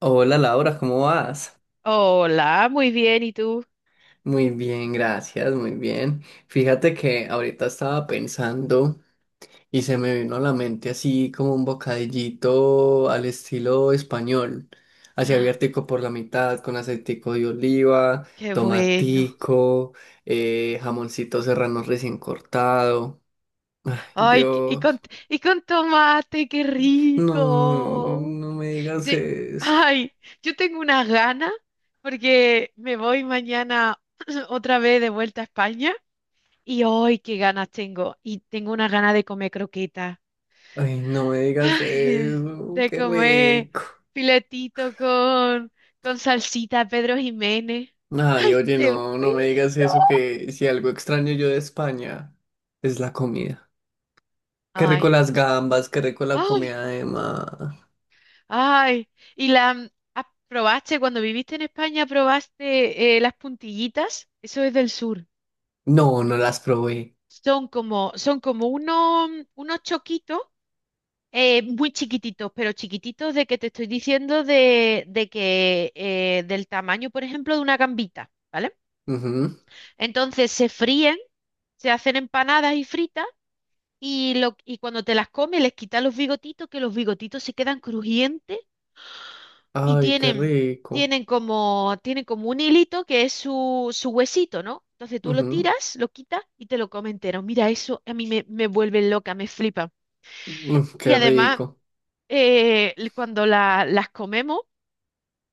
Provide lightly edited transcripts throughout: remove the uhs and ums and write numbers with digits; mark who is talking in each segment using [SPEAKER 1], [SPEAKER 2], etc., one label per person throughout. [SPEAKER 1] Hola Laura, ¿cómo vas?
[SPEAKER 2] Hola, muy bien, ¿y tú?
[SPEAKER 1] Muy bien, gracias, muy bien. Fíjate que ahorita estaba pensando y se me vino a la mente así como un bocadillito al estilo español, así abiertico por la mitad, con aceitico de oliva,
[SPEAKER 2] Qué bueno.
[SPEAKER 1] tomatico, jamoncito serrano recién cortado. Ay,
[SPEAKER 2] Ay, qué-
[SPEAKER 1] Dios,
[SPEAKER 2] y con tomate, qué
[SPEAKER 1] no,
[SPEAKER 2] rico.
[SPEAKER 1] no me digas
[SPEAKER 2] Te-
[SPEAKER 1] eso.
[SPEAKER 2] ay, yo tengo unas ganas porque me voy mañana otra vez de vuelta a España y hoy qué ganas tengo. Y tengo unas ganas de comer croqueta.
[SPEAKER 1] Ay, no me digas
[SPEAKER 2] Ay,
[SPEAKER 1] eso,
[SPEAKER 2] de
[SPEAKER 1] qué
[SPEAKER 2] comer
[SPEAKER 1] rico.
[SPEAKER 2] filetito con, con salsita Pedro Jiménez.
[SPEAKER 1] Ay,
[SPEAKER 2] Ay,
[SPEAKER 1] oye,
[SPEAKER 2] qué
[SPEAKER 1] no, no me digas
[SPEAKER 2] bueno.
[SPEAKER 1] eso, que si algo extraño yo de España es la comida. Qué rico
[SPEAKER 2] Ay.
[SPEAKER 1] las gambas, qué rico la
[SPEAKER 2] Ay.
[SPEAKER 1] comida de mar.
[SPEAKER 2] Ay, ¿y la mm, probaste cuando viviste en España, probaste las puntillitas? Eso es del sur.
[SPEAKER 1] No, no las probé.
[SPEAKER 2] Son como unos choquitos muy chiquititos, pero chiquititos de que te estoy diciendo de que del tamaño, por ejemplo, de una gambita, ¿vale?
[SPEAKER 1] Ujú.
[SPEAKER 2] Entonces se fríen, se hacen empanadas y fritas y, y cuando te las comes les quitas los bigotitos, que los bigotitos se quedan crujientes y
[SPEAKER 1] Ay, qué rico.
[SPEAKER 2] tienen como un hilito que es su huesito, ¿no? Entonces tú lo
[SPEAKER 1] Ujú.
[SPEAKER 2] tiras, lo quitas y te lo comes entero. Mira, eso a mí me vuelve loca, me flipa. Y
[SPEAKER 1] Qué
[SPEAKER 2] además,
[SPEAKER 1] rico.
[SPEAKER 2] cuando las comemos,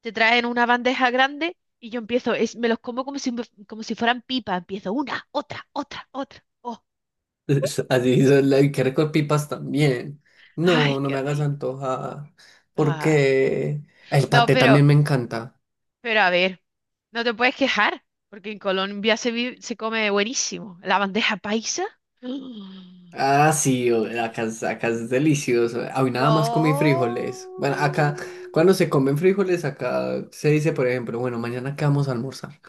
[SPEAKER 2] te traen una bandeja grande y yo empiezo, es, me los como como si fueran pipa. Empiezo una, otra, otra, otra. Oh,
[SPEAKER 1] Así son y qué rico pipas también.
[SPEAKER 2] ay,
[SPEAKER 1] No, no me
[SPEAKER 2] qué
[SPEAKER 1] hagas
[SPEAKER 2] rico.
[SPEAKER 1] antojar.
[SPEAKER 2] Ay.
[SPEAKER 1] Porque el
[SPEAKER 2] No,
[SPEAKER 1] paté también me encanta.
[SPEAKER 2] pero a ver, no te puedes quejar, porque en Colombia se come buenísimo. La bandeja paisa.
[SPEAKER 1] Ah, sí, acá es delicioso. Hoy nada más comí frijoles. Bueno,
[SPEAKER 2] Oh.
[SPEAKER 1] acá, cuando se comen frijoles, acá se dice, por ejemplo, bueno, mañana qué vamos a almorzar.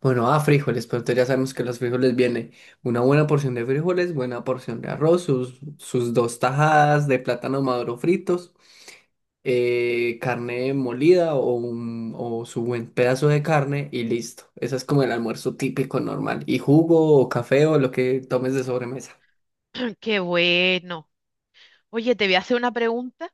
[SPEAKER 1] Bueno, ah, frijoles, pero entonces ya sabemos que los frijoles vienen una buena porción de frijoles, buena porción de arroz, sus dos tajadas de plátano maduro fritos, carne molida o su buen pedazo de carne y listo. Eso es como el almuerzo típico normal. Y jugo o café o lo que tomes de sobremesa.
[SPEAKER 2] Qué bueno. Oye, te voy a hacer una pregunta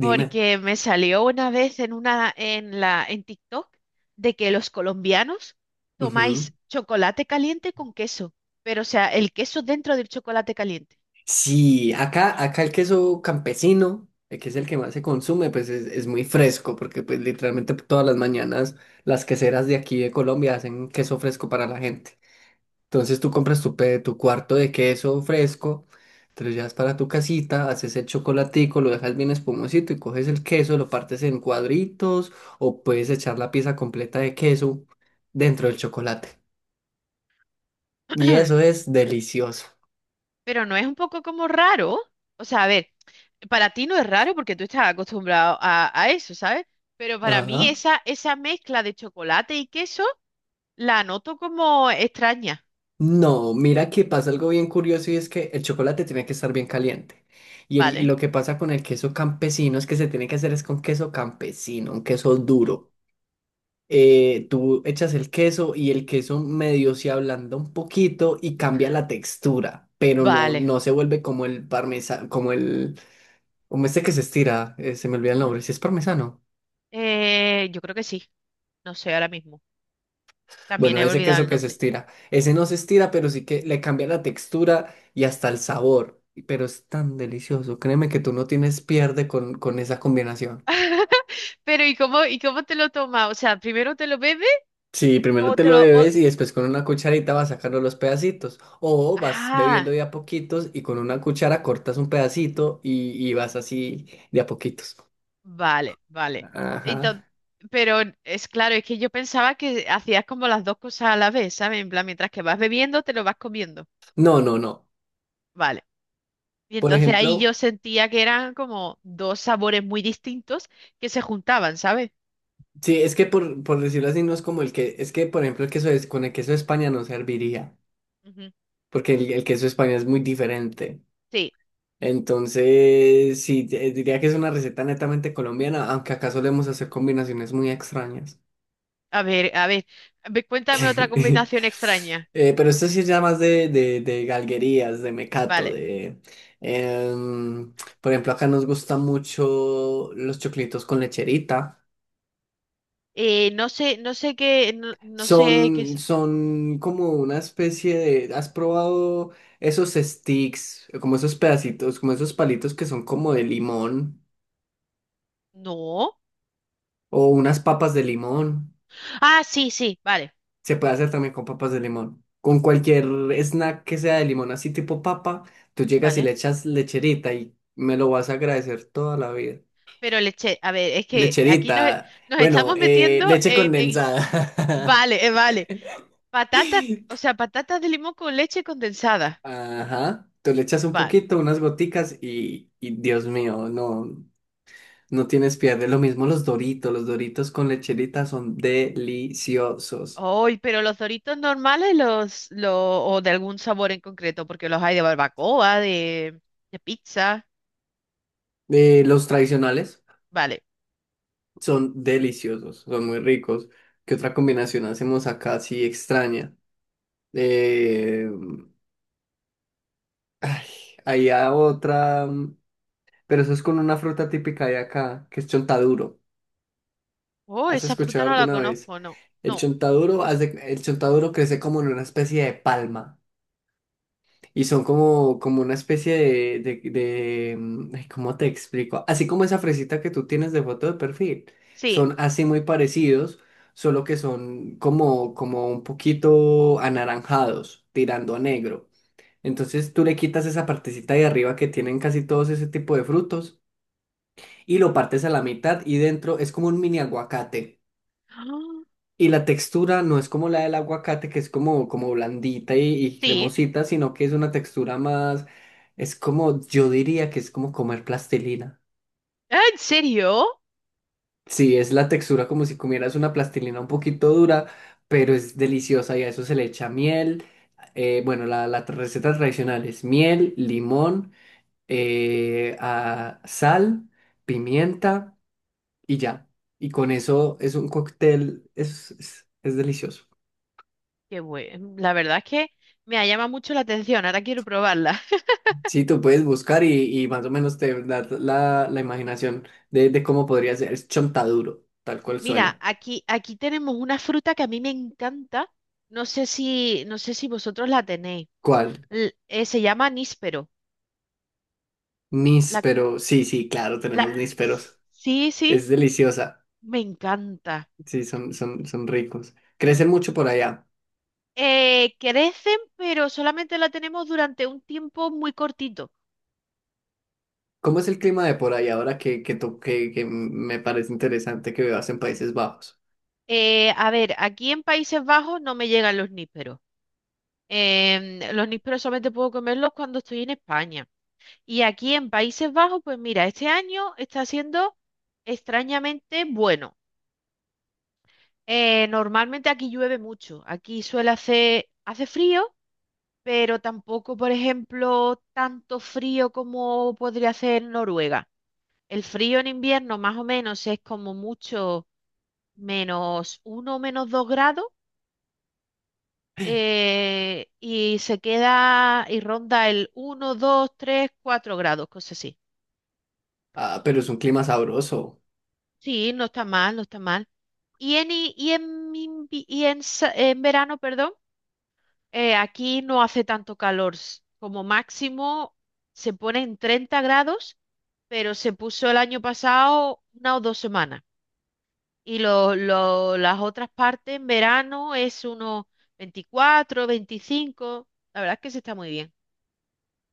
[SPEAKER 1] Dime.
[SPEAKER 2] porque me salió una vez en una en la en TikTok de que los colombianos
[SPEAKER 1] Ujú.
[SPEAKER 2] tomáis chocolate caliente con queso, pero o sea, el queso dentro del chocolate caliente.
[SPEAKER 1] Sí, acá el queso campesino, que es el que más se consume, pues es muy fresco, porque pues literalmente todas las mañanas las queseras de aquí de Colombia hacen queso fresco para la gente. Entonces tú compras tu cuarto de queso fresco, te lo llevas para tu casita, haces el chocolatico, lo dejas bien espumosito y coges el queso, lo partes en cuadritos o puedes echar la pieza completa de queso dentro del chocolate. Y eso es delicioso.
[SPEAKER 2] Pero no es un poco como raro. O sea, a ver, para ti no es raro porque tú estás acostumbrado a eso, ¿sabes? Pero para mí
[SPEAKER 1] Ajá.
[SPEAKER 2] esa mezcla de chocolate y queso la noto como extraña.
[SPEAKER 1] No, mira que pasa algo bien curioso y es que el chocolate tiene que estar bien caliente. Y
[SPEAKER 2] Vale,
[SPEAKER 1] lo que pasa con el queso campesino es que se tiene que hacer es con queso campesino, un queso
[SPEAKER 2] ujú.
[SPEAKER 1] duro. Tú echas el queso y el queso medio se ablanda un poquito y cambia la textura, pero no,
[SPEAKER 2] Vale,
[SPEAKER 1] no se vuelve como el parmesano, como el, como este que se estira, se me olvida el
[SPEAKER 2] ujú.
[SPEAKER 1] nombre, si es parmesano.
[SPEAKER 2] Yo creo que sí. No sé ahora mismo. También
[SPEAKER 1] Bueno,
[SPEAKER 2] he
[SPEAKER 1] ese
[SPEAKER 2] olvidado
[SPEAKER 1] queso
[SPEAKER 2] el
[SPEAKER 1] que se
[SPEAKER 2] nombre.
[SPEAKER 1] estira. Ese no se estira, pero sí que le cambia la textura y hasta el sabor. Pero es tan delicioso. Créeme que tú no tienes pierde con esa combinación.
[SPEAKER 2] Pero y cómo te lo tomas? O sea, ¿primero te lo bebes
[SPEAKER 1] Sí, primero
[SPEAKER 2] o
[SPEAKER 1] te
[SPEAKER 2] te
[SPEAKER 1] lo
[SPEAKER 2] lo... o-
[SPEAKER 1] bebes y después con una cucharita vas sacando los pedacitos. O vas bebiendo
[SPEAKER 2] Ah.
[SPEAKER 1] de a poquitos y con una cuchara cortas un pedacito y vas así de a poquitos.
[SPEAKER 2] Vale, vale.
[SPEAKER 1] Ajá.
[SPEAKER 2] Entonces, pero es claro, es que yo pensaba que hacías como las dos cosas a la vez, ¿sabes? En plan, mientras que vas bebiendo, te lo vas comiendo.
[SPEAKER 1] No, no, no.
[SPEAKER 2] Vale. Y
[SPEAKER 1] Por
[SPEAKER 2] entonces ahí
[SPEAKER 1] ejemplo,
[SPEAKER 2] yo sentía que eran como dos sabores muy distintos que se juntaban, ¿sabes?
[SPEAKER 1] sí, es que por decirlo así, no es como el que, es que por ejemplo el queso es, con el queso de España no serviría.
[SPEAKER 2] Ujú.
[SPEAKER 1] Porque el queso español es muy diferente.
[SPEAKER 2] Sí.
[SPEAKER 1] Entonces, sí, diría que es una receta netamente colombiana, aunque acá solemos hacer combinaciones muy extrañas.
[SPEAKER 2] A ver, a ver. A ver, cuéntame otra combinación extraña.
[SPEAKER 1] Pero esto sí es ya más de galguerías, de mecato,
[SPEAKER 2] Vale.
[SPEAKER 1] de. em, por ejemplo, acá nos gustan mucho los choclitos con lecherita.
[SPEAKER 2] No sé qué
[SPEAKER 1] Son,
[SPEAKER 2] es.
[SPEAKER 1] son como una especie de. ¿Has probado esos sticks, como esos pedacitos, como esos palitos que son como de limón?
[SPEAKER 2] No.
[SPEAKER 1] O unas papas de limón.
[SPEAKER 2] Ah, sí, sí. Vale,
[SPEAKER 1] Se puede hacer también con papas de limón. Con cualquier snack que sea de limón, así tipo papa, tú llegas y le
[SPEAKER 2] vale.
[SPEAKER 1] echas lecherita y me lo vas a agradecer toda la vida.
[SPEAKER 2] Pero leche, a ver, es que
[SPEAKER 1] Lecherita.
[SPEAKER 2] nos
[SPEAKER 1] Bueno,
[SPEAKER 2] estamos metiendo
[SPEAKER 1] leche condensada.
[SPEAKER 2] vale, vale. Patatas, o sea, patatas de limón con leche condensada.
[SPEAKER 1] Ajá. Tú le echas un
[SPEAKER 2] Vale.
[SPEAKER 1] poquito, unas goticas y Dios mío, no, no tienes pierde. Lo mismo los Doritos. Los Doritos con lecherita son deliciosos.
[SPEAKER 2] Hoy pero los Doritos normales, o de algún sabor en concreto, porque los hay de pizza.
[SPEAKER 1] Los tradicionales.
[SPEAKER 2] Vale.
[SPEAKER 1] Son deliciosos, son muy ricos. ¿Qué otra combinación hacemos acá así extraña? Eh, ay, había otra, pero eso es con una fruta típica de acá, que es chontaduro.
[SPEAKER 2] Oh,
[SPEAKER 1] ¿Has
[SPEAKER 2] esa
[SPEAKER 1] escuchado
[SPEAKER 2] fruta no la
[SPEAKER 1] alguna vez?
[SPEAKER 2] conozco, no.
[SPEAKER 1] El
[SPEAKER 2] No.
[SPEAKER 1] chontaduro, hace, el chontaduro crece como en una especie de palma. Y son como una especie ay, ¿cómo te explico? Así como esa fresita que tú tienes de foto de perfil.
[SPEAKER 2] Sí.
[SPEAKER 1] Son así muy parecidos, solo que son como un poquito anaranjados, tirando a negro. Entonces tú le quitas esa partecita de arriba que tienen casi todos ese tipo de frutos y lo partes a la mitad y dentro es como un mini aguacate.
[SPEAKER 2] Ah.
[SPEAKER 1] Y la textura no es como la del aguacate, que es como blandita y
[SPEAKER 2] Sí.
[SPEAKER 1] cremosita, sino que es una textura más, yo diría que es como comer plastilina.
[SPEAKER 2] Ah, ¿en serio?
[SPEAKER 1] Sí, es la textura como si comieras una plastilina un poquito dura, pero es deliciosa y a eso se le echa miel. Bueno, la receta tradicional es miel, limón, sal, pimienta y ya. Y con eso es un cóctel, es delicioso.
[SPEAKER 2] Qué bueno. La verdad es que me llama mucho la atención. Ahora quiero probarla.
[SPEAKER 1] Sí, tú puedes buscar y más o menos te da la imaginación de cómo podría ser. Es chontaduro, tal cual
[SPEAKER 2] Mira,
[SPEAKER 1] suena.
[SPEAKER 2] aquí, aquí tenemos una fruta que a mí me encanta. No sé si, no sé si vosotros la tenéis.
[SPEAKER 1] ¿Cuál?
[SPEAKER 2] Se llama níspero. La,
[SPEAKER 1] Níspero. Sí, sí, claro,
[SPEAKER 2] la,
[SPEAKER 1] tenemos nísperos.
[SPEAKER 2] sí, sí,
[SPEAKER 1] Es deliciosa.
[SPEAKER 2] me encanta.
[SPEAKER 1] Sí, son ricos. Crecen mucho por allá.
[SPEAKER 2] Crecen, pero solamente la tenemos durante un tiempo muy cortito.
[SPEAKER 1] ¿Cómo es el clima de por allá ahora que me parece interesante que vivas en Países Bajos?
[SPEAKER 2] A ver, aquí en Países Bajos no me llegan los nísperos. Los nísperos solamente puedo comerlos cuando estoy en España. Y aquí en Países Bajos, pues mira, este año está siendo extrañamente bueno. Normalmente aquí llueve mucho. Hace frío, pero tampoco, por ejemplo, tanto frío como podría hacer en Noruega. El frío en invierno más o menos es como mucho menos uno, o menos dos grados y se queda y ronda el uno 2 3 4 grados, cosas así.
[SPEAKER 1] Ah, pero es un clima sabroso.
[SPEAKER 2] Sí, no está mal, no está mal. Y en, i- y en, invi- y en sa- en verano, perdón. Aquí no hace tanto calor. Como máximo se pone en 30 grados, pero se puso el año pasado una o dos semanas. Las otras partes en verano es unos 24 veinticinco. La verdad es que se está muy bien.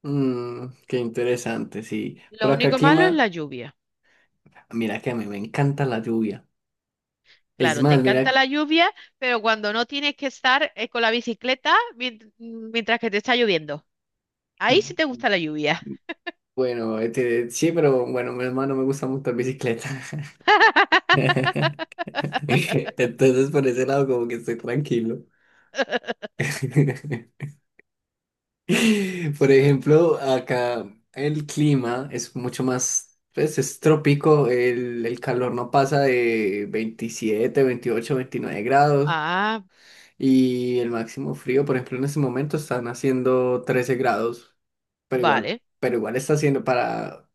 [SPEAKER 1] Qué interesante, sí. Por
[SPEAKER 2] Lo
[SPEAKER 1] acá el
[SPEAKER 2] único malo es
[SPEAKER 1] clima,
[SPEAKER 2] la lluvia.
[SPEAKER 1] mira que a mí me encanta la lluvia. Es
[SPEAKER 2] Claro, te
[SPEAKER 1] más,
[SPEAKER 2] encanta
[SPEAKER 1] mira.
[SPEAKER 2] la lluvia, pero cuando no tienes que estar con la bicicleta mientras que te está lloviendo. Ahí sí te gusta la lluvia.
[SPEAKER 1] Bueno, este, sí, pero bueno, mi hermano me gusta mucho la bicicleta. Entonces, por ese lado, como que estoy tranquilo. Por ejemplo, acá el clima es mucho más, pues es trópico, el calor no pasa de 27, 28, 29 grados
[SPEAKER 2] Ah,
[SPEAKER 1] y el máximo frío, por ejemplo, en este momento están haciendo 13 grados, pero igual,
[SPEAKER 2] vale.
[SPEAKER 1] pero igual está haciendo para.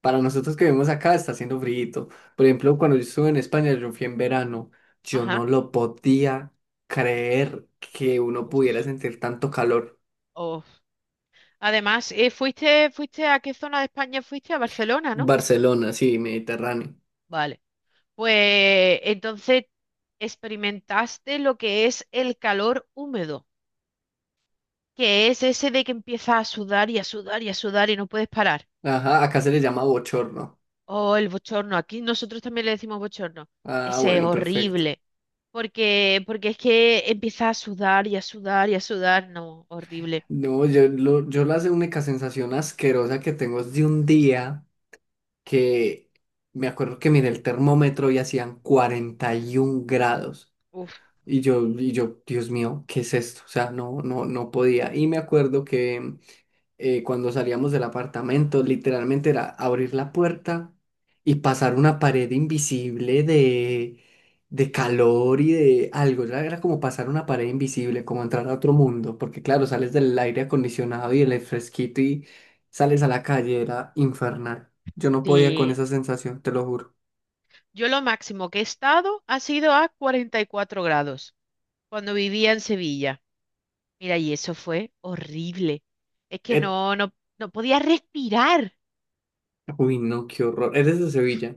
[SPEAKER 1] Para nosotros que vivimos acá está haciendo frío. Por ejemplo, cuando yo estuve en España, yo fui en verano, yo no
[SPEAKER 2] Ajá.
[SPEAKER 1] lo podía creer que uno
[SPEAKER 2] Uf,
[SPEAKER 1] pudiera sentir tanto calor.
[SPEAKER 2] uf. Además, fuiste a qué zona de España fuiste, a Barcelona, ¿no?
[SPEAKER 1] Barcelona, sí, Mediterráneo.
[SPEAKER 2] Vale. Pues entonces experimentaste lo que es el calor húmedo, que es ese de que empiezas a sudar y a sudar y a sudar y no puedes parar.
[SPEAKER 1] Ajá, acá se le llama bochorno.
[SPEAKER 2] Oh, el bochorno. Aquí nosotros también le decimos bochorno.
[SPEAKER 1] Ah,
[SPEAKER 2] Ese es
[SPEAKER 1] bueno, perfecto.
[SPEAKER 2] horrible. Porque es que empiezas a sudar y a sudar y a sudar. No, horrible.
[SPEAKER 1] No, yo la única sensación asquerosa que tengo es de un día que me acuerdo que miré el termómetro y hacían 41 grados.
[SPEAKER 2] Uf,
[SPEAKER 1] Y yo, Dios mío, ¿qué es esto? O sea, no, no, no podía. Y me acuerdo que cuando salíamos del apartamento, literalmente era abrir la puerta y pasar una pared invisible de calor y de algo. Era como pasar una pared invisible, como entrar a otro mundo, porque claro, sales del aire acondicionado y el fresquito y sales a la calle, era infernal. Yo no podía con
[SPEAKER 2] sí.
[SPEAKER 1] esa sensación, te lo juro.
[SPEAKER 2] Yo lo máximo que he estado ha sido a 44 grados cuando vivía en Sevilla. Mira, y eso fue horrible. Es que
[SPEAKER 1] Er-
[SPEAKER 2] no, no, no podía respirar.
[SPEAKER 1] Uy, no, qué horror. Eres de
[SPEAKER 2] Uf.
[SPEAKER 1] Sevilla.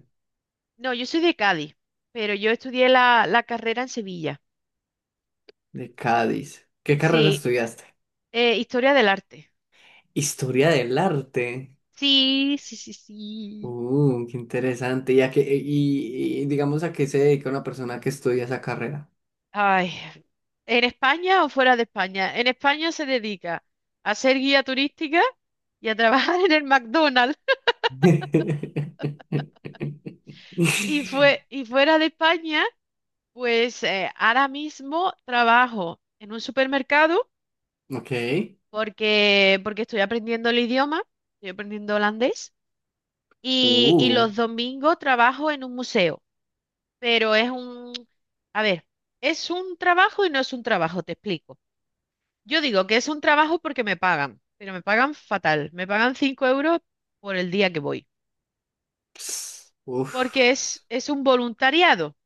[SPEAKER 2] No, yo soy de Cádiz, pero yo estudié la carrera en Sevilla.
[SPEAKER 1] De Cádiz. ¿Qué carrera
[SPEAKER 2] Sí,
[SPEAKER 1] estudiaste?
[SPEAKER 2] historia del arte.
[SPEAKER 1] Historia del arte.
[SPEAKER 2] Sí, sí, sí, sí.
[SPEAKER 1] Qué interesante. ¿Y, digamos a qué se dedica una persona que estudia esa carrera?
[SPEAKER 2] Ay, ¿en España o fuera de España? En España se dedica a ser guía turística y a trabajar en el McDonald's. Y fuera de España pues ahora mismo trabajo en un supermercado
[SPEAKER 1] Ok.
[SPEAKER 2] porque estoy aprendiendo el idioma, estoy aprendiendo holandés y
[SPEAKER 1] Uh.
[SPEAKER 2] los domingos trabajo en un museo, pero es un, a ver, es un trabajo y no es un trabajo, te explico. Yo digo que es un trabajo porque me pagan, pero me pagan fatal, me pagan 5 euros por el día que voy,
[SPEAKER 1] Ps, Uf.
[SPEAKER 2] porque es un voluntariado.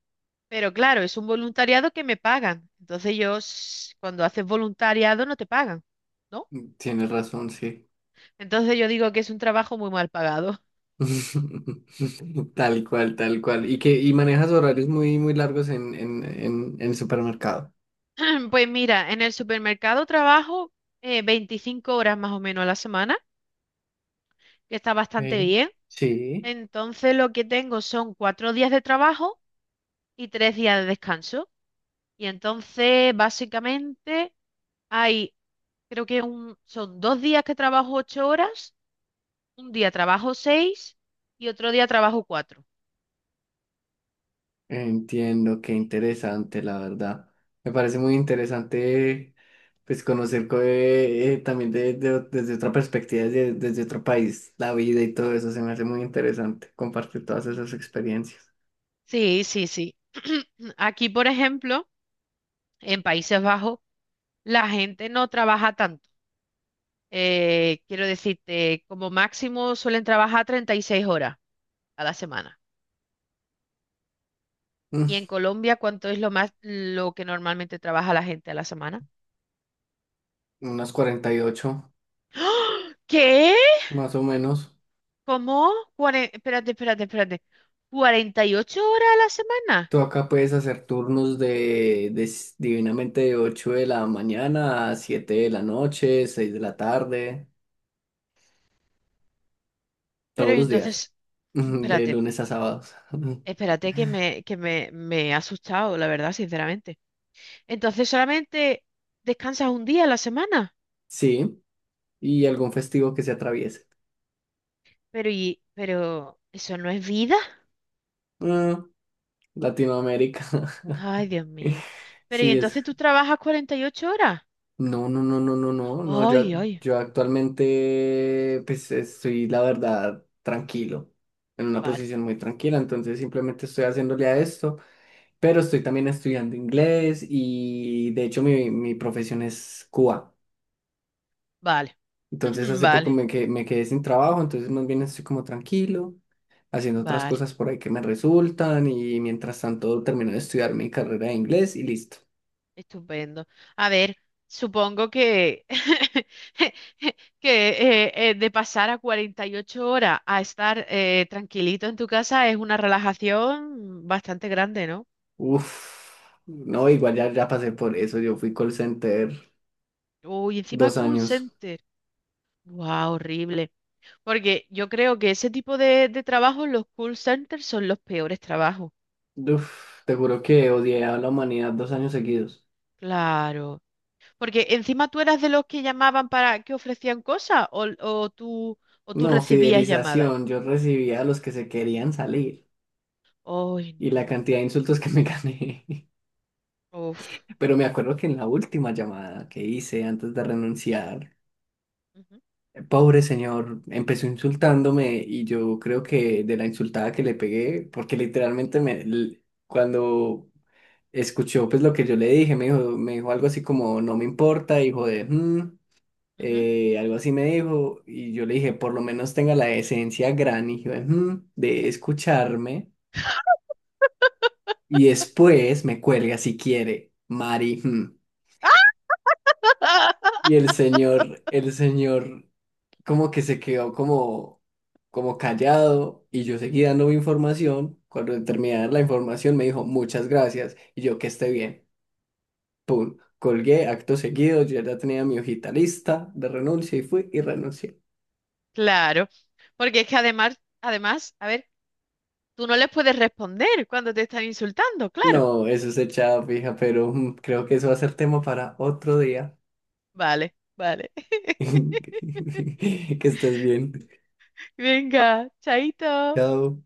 [SPEAKER 2] Pero claro, es un voluntariado que me pagan. Cuando haces voluntariado, no te pagan, ¿no?
[SPEAKER 1] Tienes razón, sí.
[SPEAKER 2] Entonces yo digo que es un trabajo muy mal pagado.
[SPEAKER 1] Tal cual, tal cual. Y manejas horarios muy, muy largos en el supermercado.
[SPEAKER 2] Pues mira, en el supermercado trabajo 25 horas más o menos a la semana, que está bastante
[SPEAKER 1] Ok,
[SPEAKER 2] bien.
[SPEAKER 1] Sí.
[SPEAKER 2] Entonces lo que tengo son cuatro días de trabajo y tres días de descanso. Y entonces básicamente hay, creo que son dos días que trabajo ocho horas, un día trabajo seis y otro día trabajo cuatro.
[SPEAKER 1] Entiendo, qué interesante, la verdad. Me parece muy interesante pues conocer también desde otra perspectiva, desde otro país, la vida y todo eso. Se me hace muy interesante compartir todas
[SPEAKER 2] Sí,
[SPEAKER 1] esas experiencias.
[SPEAKER 2] sí, sí, sí. Aquí, por ejemplo, en Países Bajos, la gente no trabaja tanto. Quiero decirte, como máximo suelen trabajar 36 horas a la semana. ¿Y
[SPEAKER 1] Mm,
[SPEAKER 2] en Colombia cuánto es lo más lo que normalmente trabaja la gente a la semana?
[SPEAKER 1] Unas 48
[SPEAKER 2] ¡Ah! ¿Qué?
[SPEAKER 1] más o menos.
[SPEAKER 2] ¿Cómo? Espérate, espérate, espérate. ¿Cuarenta y ocho horas a la semana?
[SPEAKER 1] Tú acá puedes hacer turnos de divinamente de 8 de la mañana a 7 de la noche, 6 de la tarde,
[SPEAKER 2] Pero
[SPEAKER 1] todos
[SPEAKER 2] y
[SPEAKER 1] los días,
[SPEAKER 2] entonces,
[SPEAKER 1] de
[SPEAKER 2] espérate,
[SPEAKER 1] lunes a sábados.
[SPEAKER 2] espérate que me he asustado, la verdad, sinceramente. Entonces solamente descansas un día a la semana.
[SPEAKER 1] Sí. Y algún festivo que se atraviese.
[SPEAKER 2] Pero y, pero eso no es vida.
[SPEAKER 1] Ah, Latinoamérica.
[SPEAKER 2] Ay, Dios mío. Pero y
[SPEAKER 1] Sí, es.
[SPEAKER 2] entonces tú trabajas 48 horas.
[SPEAKER 1] No, no, no, no, no, no, no. Yo,
[SPEAKER 2] Ay, ay.
[SPEAKER 1] yo actualmente, pues estoy, la verdad, tranquilo, en una
[SPEAKER 2] Vale,
[SPEAKER 1] posición muy tranquila. Entonces, simplemente estoy haciéndole a esto, pero estoy también estudiando inglés y de hecho, mi profesión es cuba.
[SPEAKER 2] vale.
[SPEAKER 1] Entonces hace poco
[SPEAKER 2] Vale,
[SPEAKER 1] me quedé sin trabajo, entonces más bien estoy como tranquilo, haciendo otras
[SPEAKER 2] vale.
[SPEAKER 1] cosas por ahí que me resultan y mientras tanto termino de estudiar mi carrera de inglés y listo.
[SPEAKER 2] Estupendo. A ver, supongo que que de pasar a 48 horas a estar tranquilito en tu casa es una relajación bastante grande, ¿no?
[SPEAKER 1] Uf, no, igual ya, ya pasé por eso, yo fui call center
[SPEAKER 2] Uy, encima
[SPEAKER 1] dos
[SPEAKER 2] call
[SPEAKER 1] años.
[SPEAKER 2] center. Wow, horrible. Porque yo creo que ese tipo de trabajos, los call centers, son los peores trabajos.
[SPEAKER 1] Uf, te juro que odié a la humanidad 2 años seguidos.
[SPEAKER 2] Claro. Porque encima tú eras de los que llamaban para que ofrecían cosas o tú
[SPEAKER 1] No,
[SPEAKER 2] recibías llamadas.
[SPEAKER 1] fidelización, yo recibía a los que se querían salir
[SPEAKER 2] Ay,
[SPEAKER 1] y la
[SPEAKER 2] no.
[SPEAKER 1] cantidad de insultos que me gané.
[SPEAKER 2] Uf.
[SPEAKER 1] Pero me acuerdo que en la última llamada que hice antes de renunciar,
[SPEAKER 2] Ujú,
[SPEAKER 1] pobre señor, empezó insultándome y yo creo que de la insultada que le pegué, porque literalmente cuando escuchó pues lo que yo le dije, me dijo algo así como no me importa, hijo de "Mm",
[SPEAKER 2] ujú.
[SPEAKER 1] algo así me dijo y yo le dije por lo menos tenga la decencia gran hijo de, "Mm", de escucharme y después me cuelga si quiere, Mari. "Mm". Y el señor como que se quedó como callado y yo seguí dando mi información. Cuando terminé de dar la información me dijo muchas gracias y yo que esté bien. Pum, colgué acto seguido, yo ya tenía mi hojita lista de renuncia y fui y renuncié.
[SPEAKER 2] Claro. Porque es que además, además, a ver, tú no les puedes responder cuando te están insultando, claro.
[SPEAKER 1] No, eso es echada fija, pero creo que eso va a ser tema para otro día.
[SPEAKER 2] Vale, vale.
[SPEAKER 1] Que estés bien.
[SPEAKER 2] Venga, chaito.
[SPEAKER 1] Chao.